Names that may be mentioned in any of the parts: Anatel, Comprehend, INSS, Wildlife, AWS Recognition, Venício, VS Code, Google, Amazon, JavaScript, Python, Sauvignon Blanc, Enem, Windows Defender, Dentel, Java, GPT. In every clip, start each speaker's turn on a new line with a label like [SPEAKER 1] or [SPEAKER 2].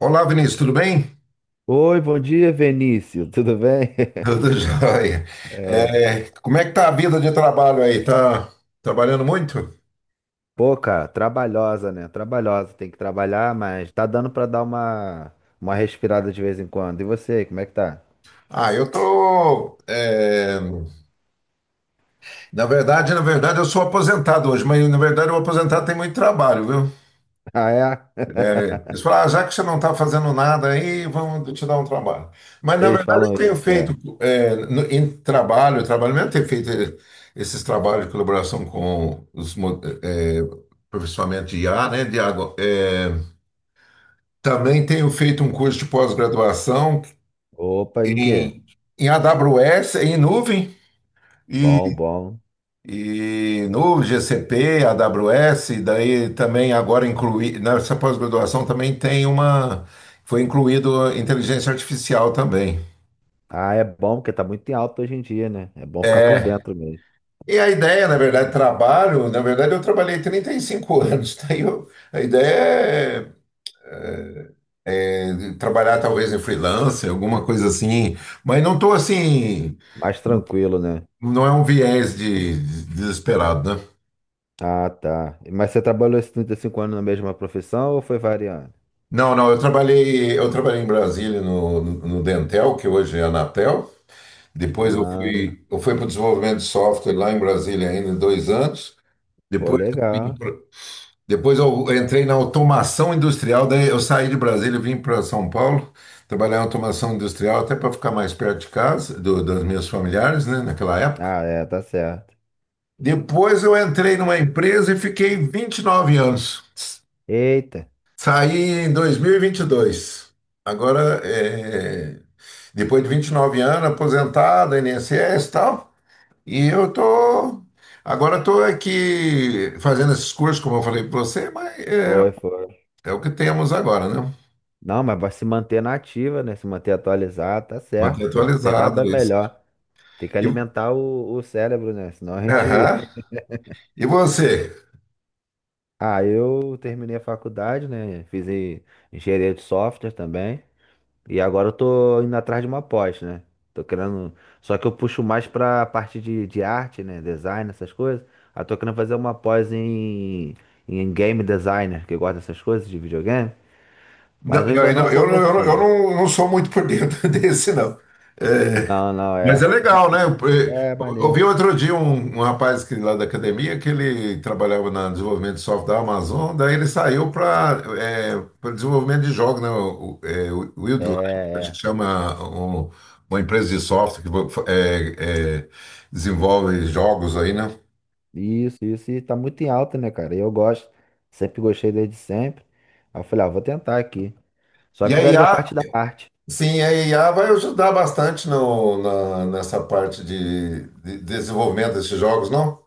[SPEAKER 1] Olá, Vinícius, tudo bem?
[SPEAKER 2] Oi, bom dia, Venício. Tudo bem?
[SPEAKER 1] Tudo jóia. É, como é que tá a vida de trabalho aí? Tá trabalhando muito?
[SPEAKER 2] Pô, cara, trabalhosa, né? Trabalhosa, tem que trabalhar, mas tá dando pra dar uma respirada de vez em quando. E você, como é que tá?
[SPEAKER 1] Ah, eu tô. Na verdade, eu sou aposentado hoje, mas na verdade o aposentado tem muito trabalho, viu?
[SPEAKER 2] Ah, é?
[SPEAKER 1] É, eles falaram, ah, já que você não está fazendo nada aí, vamos te dar um trabalho. Mas na
[SPEAKER 2] Eles
[SPEAKER 1] verdade eu
[SPEAKER 2] falam
[SPEAKER 1] tenho
[SPEAKER 2] isso,
[SPEAKER 1] feito
[SPEAKER 2] é.
[SPEAKER 1] em trabalho mesmo, tenho feito esses trabalhos de colaboração com os aperfeiçoamento de IA, né? De água. Também tenho feito um curso de pós-graduação
[SPEAKER 2] Opa, em quê?
[SPEAKER 1] em, em AWS, em nuvem,
[SPEAKER 2] Bom,
[SPEAKER 1] e,
[SPEAKER 2] bom.
[SPEAKER 1] e nuvem, GCP, AWS, daí também agora incluí, nessa pós-graduação também tem foi incluído inteligência artificial também.
[SPEAKER 2] Ah, é bom porque tá muito em alta hoje em dia, né? É bom ficar por
[SPEAKER 1] É,
[SPEAKER 2] dentro mesmo.
[SPEAKER 1] e a ideia, na verdade, na verdade eu trabalhei 35 anos. A ideia é trabalhar talvez em freelancer, alguma coisa assim, mas não estou assim.
[SPEAKER 2] Mais tranquilo, né?
[SPEAKER 1] Não é um viés desesperado, né?
[SPEAKER 2] Ah, tá. Mas você trabalhou esses 35 anos na mesma profissão ou foi variando?
[SPEAKER 1] Não, eu trabalhei, em Brasília no Dentel, que hoje é a Anatel. Depois
[SPEAKER 2] Ah,
[SPEAKER 1] eu fui para o desenvolvimento de software lá em Brasília ainda em 2 anos.
[SPEAKER 2] pô,
[SPEAKER 1] Depois
[SPEAKER 2] legal.
[SPEAKER 1] depois eu entrei na automação industrial, daí eu saí de Brasília e vim para São Paulo, trabalhar em automação industrial até para ficar mais perto de casa, dos meus familiares, né, naquela época.
[SPEAKER 2] Ah, é, tá certo.
[SPEAKER 1] Depois eu entrei numa empresa e fiquei 29 anos.
[SPEAKER 2] Eita,
[SPEAKER 1] Saí em dois mil e vinte e dois. Agora, é, depois de 29 anos, aposentado, INSS e tal, e eu tô... Agora estou aqui fazendo esses cursos, como eu falei para você, mas é,
[SPEAKER 2] foi, foi.
[SPEAKER 1] é o que temos agora, né?
[SPEAKER 2] Não, mas vai se manter na ativa, né? Se manter atualizado, tá
[SPEAKER 1] Manter
[SPEAKER 2] certo, pô. Não tem
[SPEAKER 1] atualizado
[SPEAKER 2] nada
[SPEAKER 1] isso.
[SPEAKER 2] melhor. Tem que
[SPEAKER 1] E,
[SPEAKER 2] alimentar o cérebro, né? Senão a gente.
[SPEAKER 1] aham. E você?
[SPEAKER 2] Ah, eu terminei a faculdade, né? Fiz engenharia de software também. E agora eu tô indo atrás de uma pós, né? Tô querendo. Só que eu puxo mais pra parte de arte, né? Design, essas coisas. Aí tô querendo fazer uma pós em game designer, que gosta dessas coisas de videogame. Mas
[SPEAKER 1] Não,
[SPEAKER 2] eu ainda
[SPEAKER 1] eu,
[SPEAKER 2] não
[SPEAKER 1] não, eu, não, eu não eu
[SPEAKER 2] comecei.
[SPEAKER 1] não- não- sou muito por dentro desse, não. É,
[SPEAKER 2] Não, não,
[SPEAKER 1] mas
[SPEAKER 2] é.
[SPEAKER 1] é legal, né? Eu
[SPEAKER 2] É,
[SPEAKER 1] ouvi
[SPEAKER 2] maneiro.
[SPEAKER 1] outro dia um rapaz que, lá da academia, que ele trabalhava na desenvolvimento de software da Amazon, daí ele saiu para desenvolvimento de jogos, né? O
[SPEAKER 2] É,
[SPEAKER 1] Wildlife, acho que
[SPEAKER 2] é.
[SPEAKER 1] chama uma empresa de software que desenvolve jogos aí, né?
[SPEAKER 2] Isso, isso. E tá muito em alta, né, cara? E eu gosto. Sempre gostei desde sempre. Aí eu falei, ah, vou tentar aqui. Só
[SPEAKER 1] E
[SPEAKER 2] que
[SPEAKER 1] a
[SPEAKER 2] eu quero ver a
[SPEAKER 1] IA,
[SPEAKER 2] parte da arte.
[SPEAKER 1] sim, a IA vai ajudar bastante no, na, nessa parte de desenvolvimento desses jogos, não?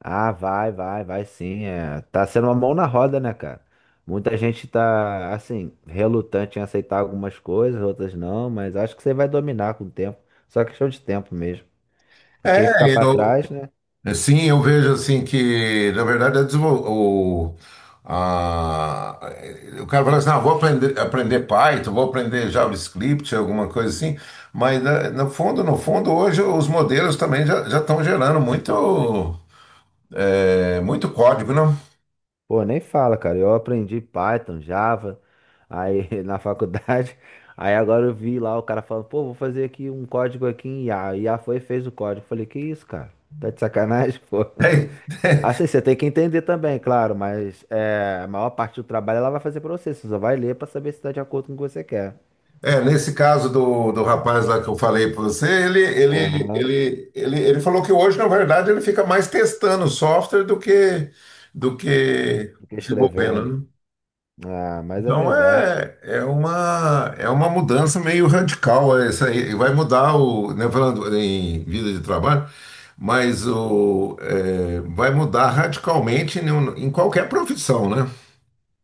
[SPEAKER 2] Ah, vai, vai, vai, sim. É. Tá sendo uma mão na roda, né, cara? Muita gente tá, assim, relutante em aceitar algumas coisas, outras não, mas acho que você vai dominar com o tempo. Só questão de tempo mesmo. E quem ficar
[SPEAKER 1] É,
[SPEAKER 2] pra
[SPEAKER 1] eu,
[SPEAKER 2] trás, né?
[SPEAKER 1] Sim, eu vejo assim que, na verdade, a desenvol- o, a- o cara fala assim, ah, vou aprender, aprender Python, vou aprender JavaScript, alguma coisa assim, mas né, no fundo, no fundo, hoje os modelos também já estão gerando muito, muito código, não?
[SPEAKER 2] Pô, nem fala, cara. Eu aprendi Python, Java, aí na faculdade. Aí agora eu vi lá o cara falando, pô, vou fazer aqui um código aqui em IA. E a foi e fez o código. Falei, que isso, cara? Tá de sacanagem, pô. Assim, você tem que entender também, claro, mas é, a maior parte do trabalho ela vai fazer pra você. Você só vai ler pra saber se tá de acordo com o que você quer.
[SPEAKER 1] Nesse caso do rapaz lá que eu falei para você,
[SPEAKER 2] Aham.
[SPEAKER 1] ele falou que hoje, na verdade, ele fica mais testando o software do que
[SPEAKER 2] Fica escrevendo.
[SPEAKER 1] desenvolvendo, né?
[SPEAKER 2] Ah, mas é
[SPEAKER 1] Então
[SPEAKER 2] verdade.
[SPEAKER 1] é uma mudança meio radical é essa aí. Vai mudar o, né, falando em vida de trabalho, mas o, é, vai mudar radicalmente em qualquer profissão, né?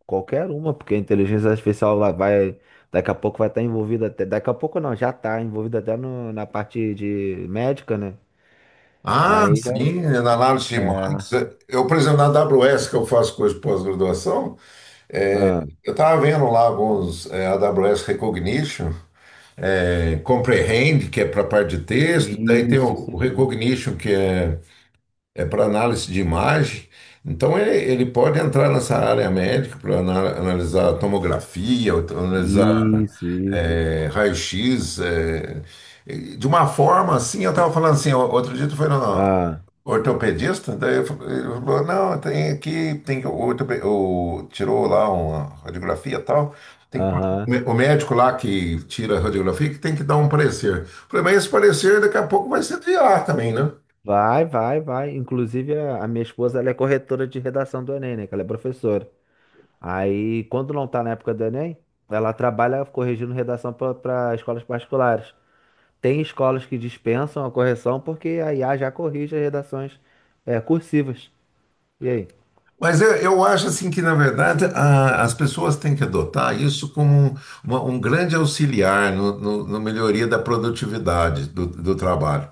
[SPEAKER 2] Qualquer uma, porque a inteligência artificial lá vai, daqui a pouco vai estar envolvida até, daqui a pouco não, já está envolvida até na parte de médica, né?
[SPEAKER 1] Ah,
[SPEAKER 2] Aí já,
[SPEAKER 1] sim, na análise de
[SPEAKER 2] é,
[SPEAKER 1] marketing. Eu, por exemplo, na AWS, que eu faço curso de pós-graduação,
[SPEAKER 2] ah,
[SPEAKER 1] eu estava vendo lá alguns AWS Recognition, Comprehend, que é para a parte de texto, daí tem
[SPEAKER 2] isso, isso
[SPEAKER 1] o
[SPEAKER 2] aí.
[SPEAKER 1] Recognition, que é para análise de imagem. Então ele pode entrar nessa área médica para analisar tomografia, ou analisar
[SPEAKER 2] Isso, isso.
[SPEAKER 1] raio-x, é, e de uma forma assim. Eu estava falando assim, outro dia tu foi no
[SPEAKER 2] Ah,
[SPEAKER 1] ortopedista, daí ele falou, não, tem aqui, tem que- o, ortope- o- tirou lá uma radiografia e tal. Tem que,
[SPEAKER 2] aham.
[SPEAKER 1] o médico lá que tira a radiografia que tem que dar um parecer. Eu falei, mas esse parecer daqui a pouco vai ser de ar também, né?
[SPEAKER 2] Vai, vai, vai. Inclusive, a minha esposa, ela é corretora de redação do Enem, né? Que ela é professora. Aí, quando não tá na época do Enem, ela trabalha corrigindo redação para escolas particulares. Tem escolas que dispensam a correção porque a IA já corrige as redações, é, cursivas. E aí?
[SPEAKER 1] Mas eu acho assim que, na verdade, as pessoas têm que adotar isso como um grande auxiliar no melhoria da produtividade do trabalho.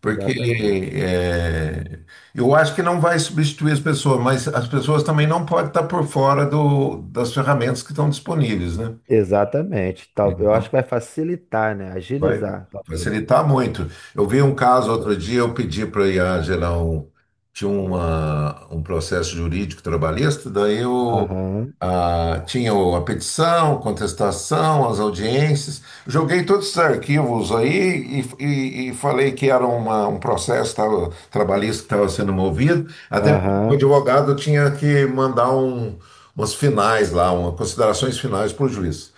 [SPEAKER 1] Porque
[SPEAKER 2] Exatamente.
[SPEAKER 1] é, eu acho que não vai substituir as pessoas, mas as pessoas também não podem estar por fora das ferramentas que estão disponíveis, né?
[SPEAKER 2] Exatamente. Tal, eu acho
[SPEAKER 1] Então,
[SPEAKER 2] que vai facilitar, né?
[SPEAKER 1] vai
[SPEAKER 2] Agilizar, talvez.
[SPEAKER 1] facilitar muito. Eu vi um caso outro dia, eu pedi para a IA gerar um, tinha uma, um processo jurídico trabalhista, daí eu
[SPEAKER 2] Aham,
[SPEAKER 1] ah, tinha a petição, contestação, as audiências. Joguei todos esses arquivos aí e, e falei que era um processo trabalhista que estava sendo movido, até porque o
[SPEAKER 2] aham.
[SPEAKER 1] advogado tinha que mandar um, umas finais lá, uma, considerações finais para o juiz.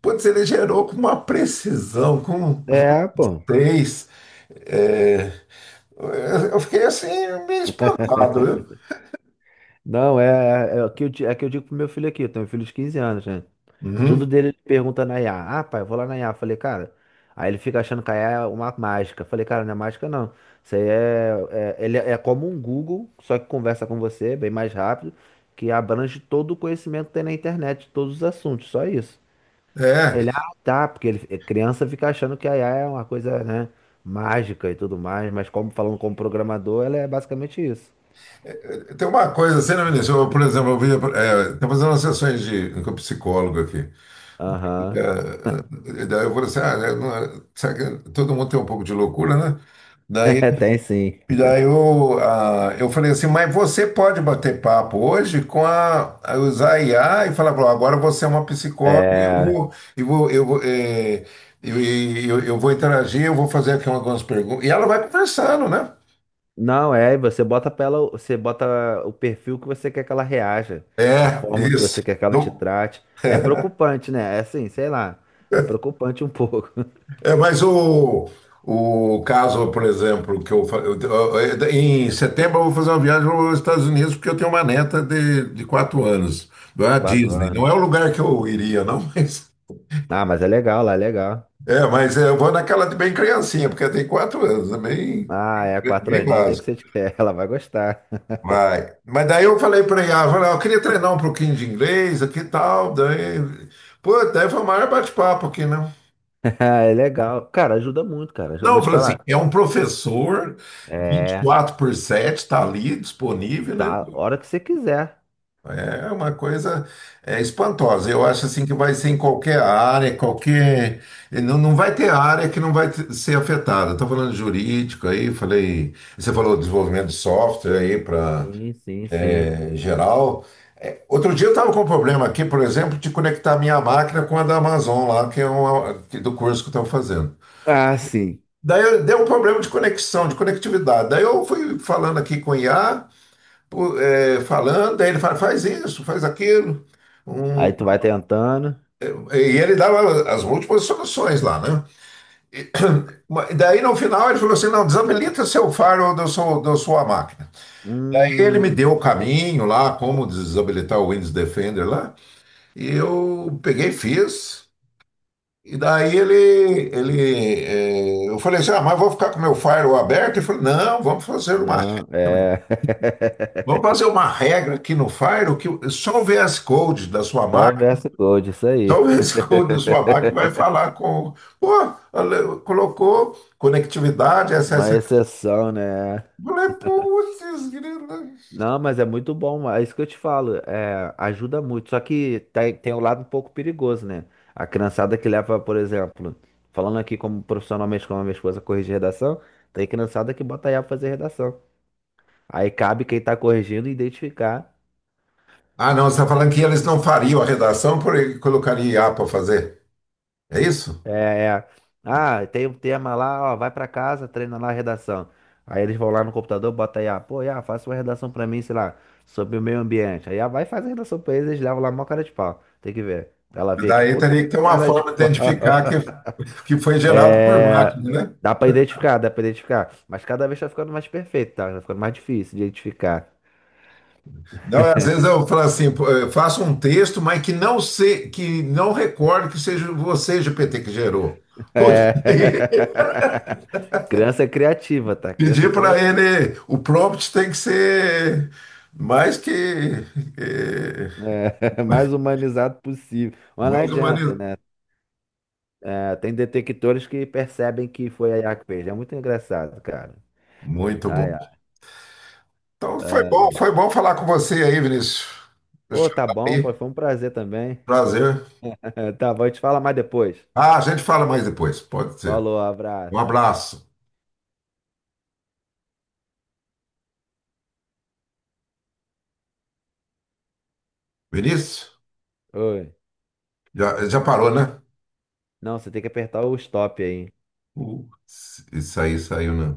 [SPEAKER 1] Putz, ele gerou com uma precisão, com
[SPEAKER 2] É, pô.
[SPEAKER 1] justez. É, eu fiquei assim, meio espantado, viu?
[SPEAKER 2] Não, é, é o que eu, é que eu digo pro meu filho aqui. Eu tenho um filho de 15 anos, né? Tudo
[SPEAKER 1] Uhum.
[SPEAKER 2] dele ele pergunta na IA. Ah, pai, eu vou lá na IA. Falei, cara. Aí ele fica achando que a IA é uma mágica. Falei, cara, não é mágica não. Isso aí é, ele é como um Google, só que conversa com você bem mais rápido, que abrange todo o conhecimento que tem na internet, todos os assuntos, só isso.
[SPEAKER 1] É,
[SPEAKER 2] Ele, ah, tá, porque ele, é, criança fica achando que a IA é uma coisa, né, mágica e tudo mais, mas como falando como programador, ela é basicamente isso.
[SPEAKER 1] tem uma coisa, você não me deixou, por exemplo, eu vi, é, estou fazendo umas sessões de, com um psicólogo aqui.
[SPEAKER 2] Aham.
[SPEAKER 1] É, e daí eu falei assim, ah, né, é, será que todo mundo tem um pouco de loucura, né? Daí,
[SPEAKER 2] Tem sim.
[SPEAKER 1] e daí eu, ah, eu falei assim, mas você pode bater papo hoje com a usar a IA e falar, "Bom, agora você é uma psicóloga e
[SPEAKER 2] É.
[SPEAKER 1] eu vou, eh, eu vou interagir, eu vou fazer aqui algumas perguntas." E ela vai conversando, né?
[SPEAKER 2] Não, é, você bota pra ela, você bota o perfil que você quer que ela reaja, a
[SPEAKER 1] É,
[SPEAKER 2] forma que
[SPEAKER 1] isso.
[SPEAKER 2] você quer que ela te
[SPEAKER 1] Não-
[SPEAKER 2] trate. É preocupante, né? É assim, sei lá. É preocupante um pouco.
[SPEAKER 1] é, mas o caso, por exemplo, que eu, em setembro eu vou fazer uma viagem aos Estados Unidos porque eu tenho uma neta de 4 anos,
[SPEAKER 2] De
[SPEAKER 1] da
[SPEAKER 2] quatro
[SPEAKER 1] Disney. Não é o
[SPEAKER 2] anos.
[SPEAKER 1] lugar que eu iria, não, mas
[SPEAKER 2] Ah, mas é legal, lá é legal.
[SPEAKER 1] é, mas eu vou naquela de bem criancinha, porque tem 4 anos, é bem,
[SPEAKER 2] Ah, é, quatro
[SPEAKER 1] bem
[SPEAKER 2] aninhos tem que
[SPEAKER 1] básico.
[SPEAKER 2] ser de ela vai gostar.
[SPEAKER 1] Vai. Mas daí eu falei para ela, eu falei, "Ó, eu queria treinar um pouquinho de inglês aqui e tal." Daí, pô, daí foi o maior bate-papo aqui, né?
[SPEAKER 2] É legal. Cara, ajuda muito, cara. Já
[SPEAKER 1] Não,
[SPEAKER 2] vou
[SPEAKER 1] eu
[SPEAKER 2] te
[SPEAKER 1] falei assim,
[SPEAKER 2] falar.
[SPEAKER 1] é um professor vinte e
[SPEAKER 2] É,
[SPEAKER 1] quatro por 7, está ali disponível, né?
[SPEAKER 2] tá, hora que você quiser.
[SPEAKER 1] É uma coisa é, espantosa. Eu acho assim que vai ser em qualquer área, qualquer. Não, não vai ter área que não vai ser afetada. Estou falando de jurídico aí, falei. Você falou desenvolvimento de software aí para
[SPEAKER 2] Sim, sim, sim.
[SPEAKER 1] geral. É, outro dia eu estava com um problema aqui, por exemplo, de conectar minha máquina com a da Amazon lá, que é uma, do curso que eu estou fazendo.
[SPEAKER 2] Ah, sim.
[SPEAKER 1] Deu um problema de conexão, de conectividade. Daí eu fui falando aqui com o IA, pô, é, falando, daí ele fala, faz isso, faz aquilo. Um,
[SPEAKER 2] Aí tu vai tentando.
[SPEAKER 1] e ele dava as múltiplas soluções lá, né? Daí no final ele falou assim: não, desabilita seu faro da sua máquina. Aí ele me
[SPEAKER 2] Hum.
[SPEAKER 1] deu o caminho lá, como desabilitar o Windows Defender lá, e eu peguei e fiz. E daí eu falei assim: ah, mas vou ficar com meu firewall aberto? Ele falou: não, vamos fazer uma
[SPEAKER 2] Não,
[SPEAKER 1] regra.
[SPEAKER 2] é.
[SPEAKER 1] Vamos fazer uma regra aqui no firewall que só o VS Code da sua
[SPEAKER 2] Só o
[SPEAKER 1] máquina.
[SPEAKER 2] verso code, isso aí.
[SPEAKER 1] Talvez quando sua máquina vai falar com. Pô, ela colocou conectividade, acesso.
[SPEAKER 2] Uma exceção, né?
[SPEAKER 1] Eu falei, putz, grila.
[SPEAKER 2] Não, mas é muito bom, é isso que eu te falo, é, ajuda muito. Só que tem um lado um pouco perigoso, né? A criançada que leva, por exemplo, falando aqui como profissionalmente como a minha esposa corrigir redação, tem criançada que bota aí pra fazer redação. Aí cabe quem tá corrigindo identificar.
[SPEAKER 1] Ah, não, você está falando que eles não fariam a redação porque colocaria IA para fazer. É isso?
[SPEAKER 2] É, é. Ah, tem um tema lá, ó, vai pra casa, treina lá a redação. Aí eles vão lá no computador, bota aí, ah, pô, Iá, faça uma redação pra mim, sei lá, sobre o meio ambiente. Aí, ah, vai fazer a redação pra eles, eles levam lá mó cara de pau. Tem que ver. Ela vê aqui,
[SPEAKER 1] Daí
[SPEAKER 2] pô,
[SPEAKER 1] teria que ter uma
[SPEAKER 2] cara de
[SPEAKER 1] forma de
[SPEAKER 2] pau.
[SPEAKER 1] identificar que foi gerado por
[SPEAKER 2] É,
[SPEAKER 1] máquina, né?
[SPEAKER 2] dá pra identificar, dá pra identificar. Mas cada vez tá ficando mais perfeito, tá? Tá ficando mais difícil de identificar.
[SPEAKER 1] Não, às vezes eu falo assim, pô, eu faço um texto, mas que não se, que não recorde que seja você, GPT, que gerou. Putz.
[SPEAKER 2] É. Criança é criativa, tá? Criança é
[SPEAKER 1] Pedir para
[SPEAKER 2] criativa.
[SPEAKER 1] ele, o prompt tem que ser mais que eh,
[SPEAKER 2] É, mais humanizado possível. Mas não
[SPEAKER 1] mais
[SPEAKER 2] adianta,
[SPEAKER 1] humanizado.
[SPEAKER 2] né? É, tem detectores que percebem que foi a IA que fez. É muito engraçado, cara.
[SPEAKER 1] Muito
[SPEAKER 2] Ai,
[SPEAKER 1] bom.
[SPEAKER 2] ai.
[SPEAKER 1] Então foi bom falar com você aí, Vinícius. Deixa
[SPEAKER 2] Ô,
[SPEAKER 1] eu
[SPEAKER 2] tá
[SPEAKER 1] dar
[SPEAKER 2] bom,
[SPEAKER 1] aí.
[SPEAKER 2] pô, foi um prazer também.
[SPEAKER 1] Prazer.
[SPEAKER 2] Tá bom, a gente fala mais depois.
[SPEAKER 1] Ah, a gente fala mais depois, pode ser.
[SPEAKER 2] Falou,
[SPEAKER 1] Um
[SPEAKER 2] abraço.
[SPEAKER 1] abraço. Vinícius,
[SPEAKER 2] Oi.
[SPEAKER 1] já parou, né?
[SPEAKER 2] Não, você tem que apertar o stop aí.
[SPEAKER 1] Uh, isso aí saiu, né?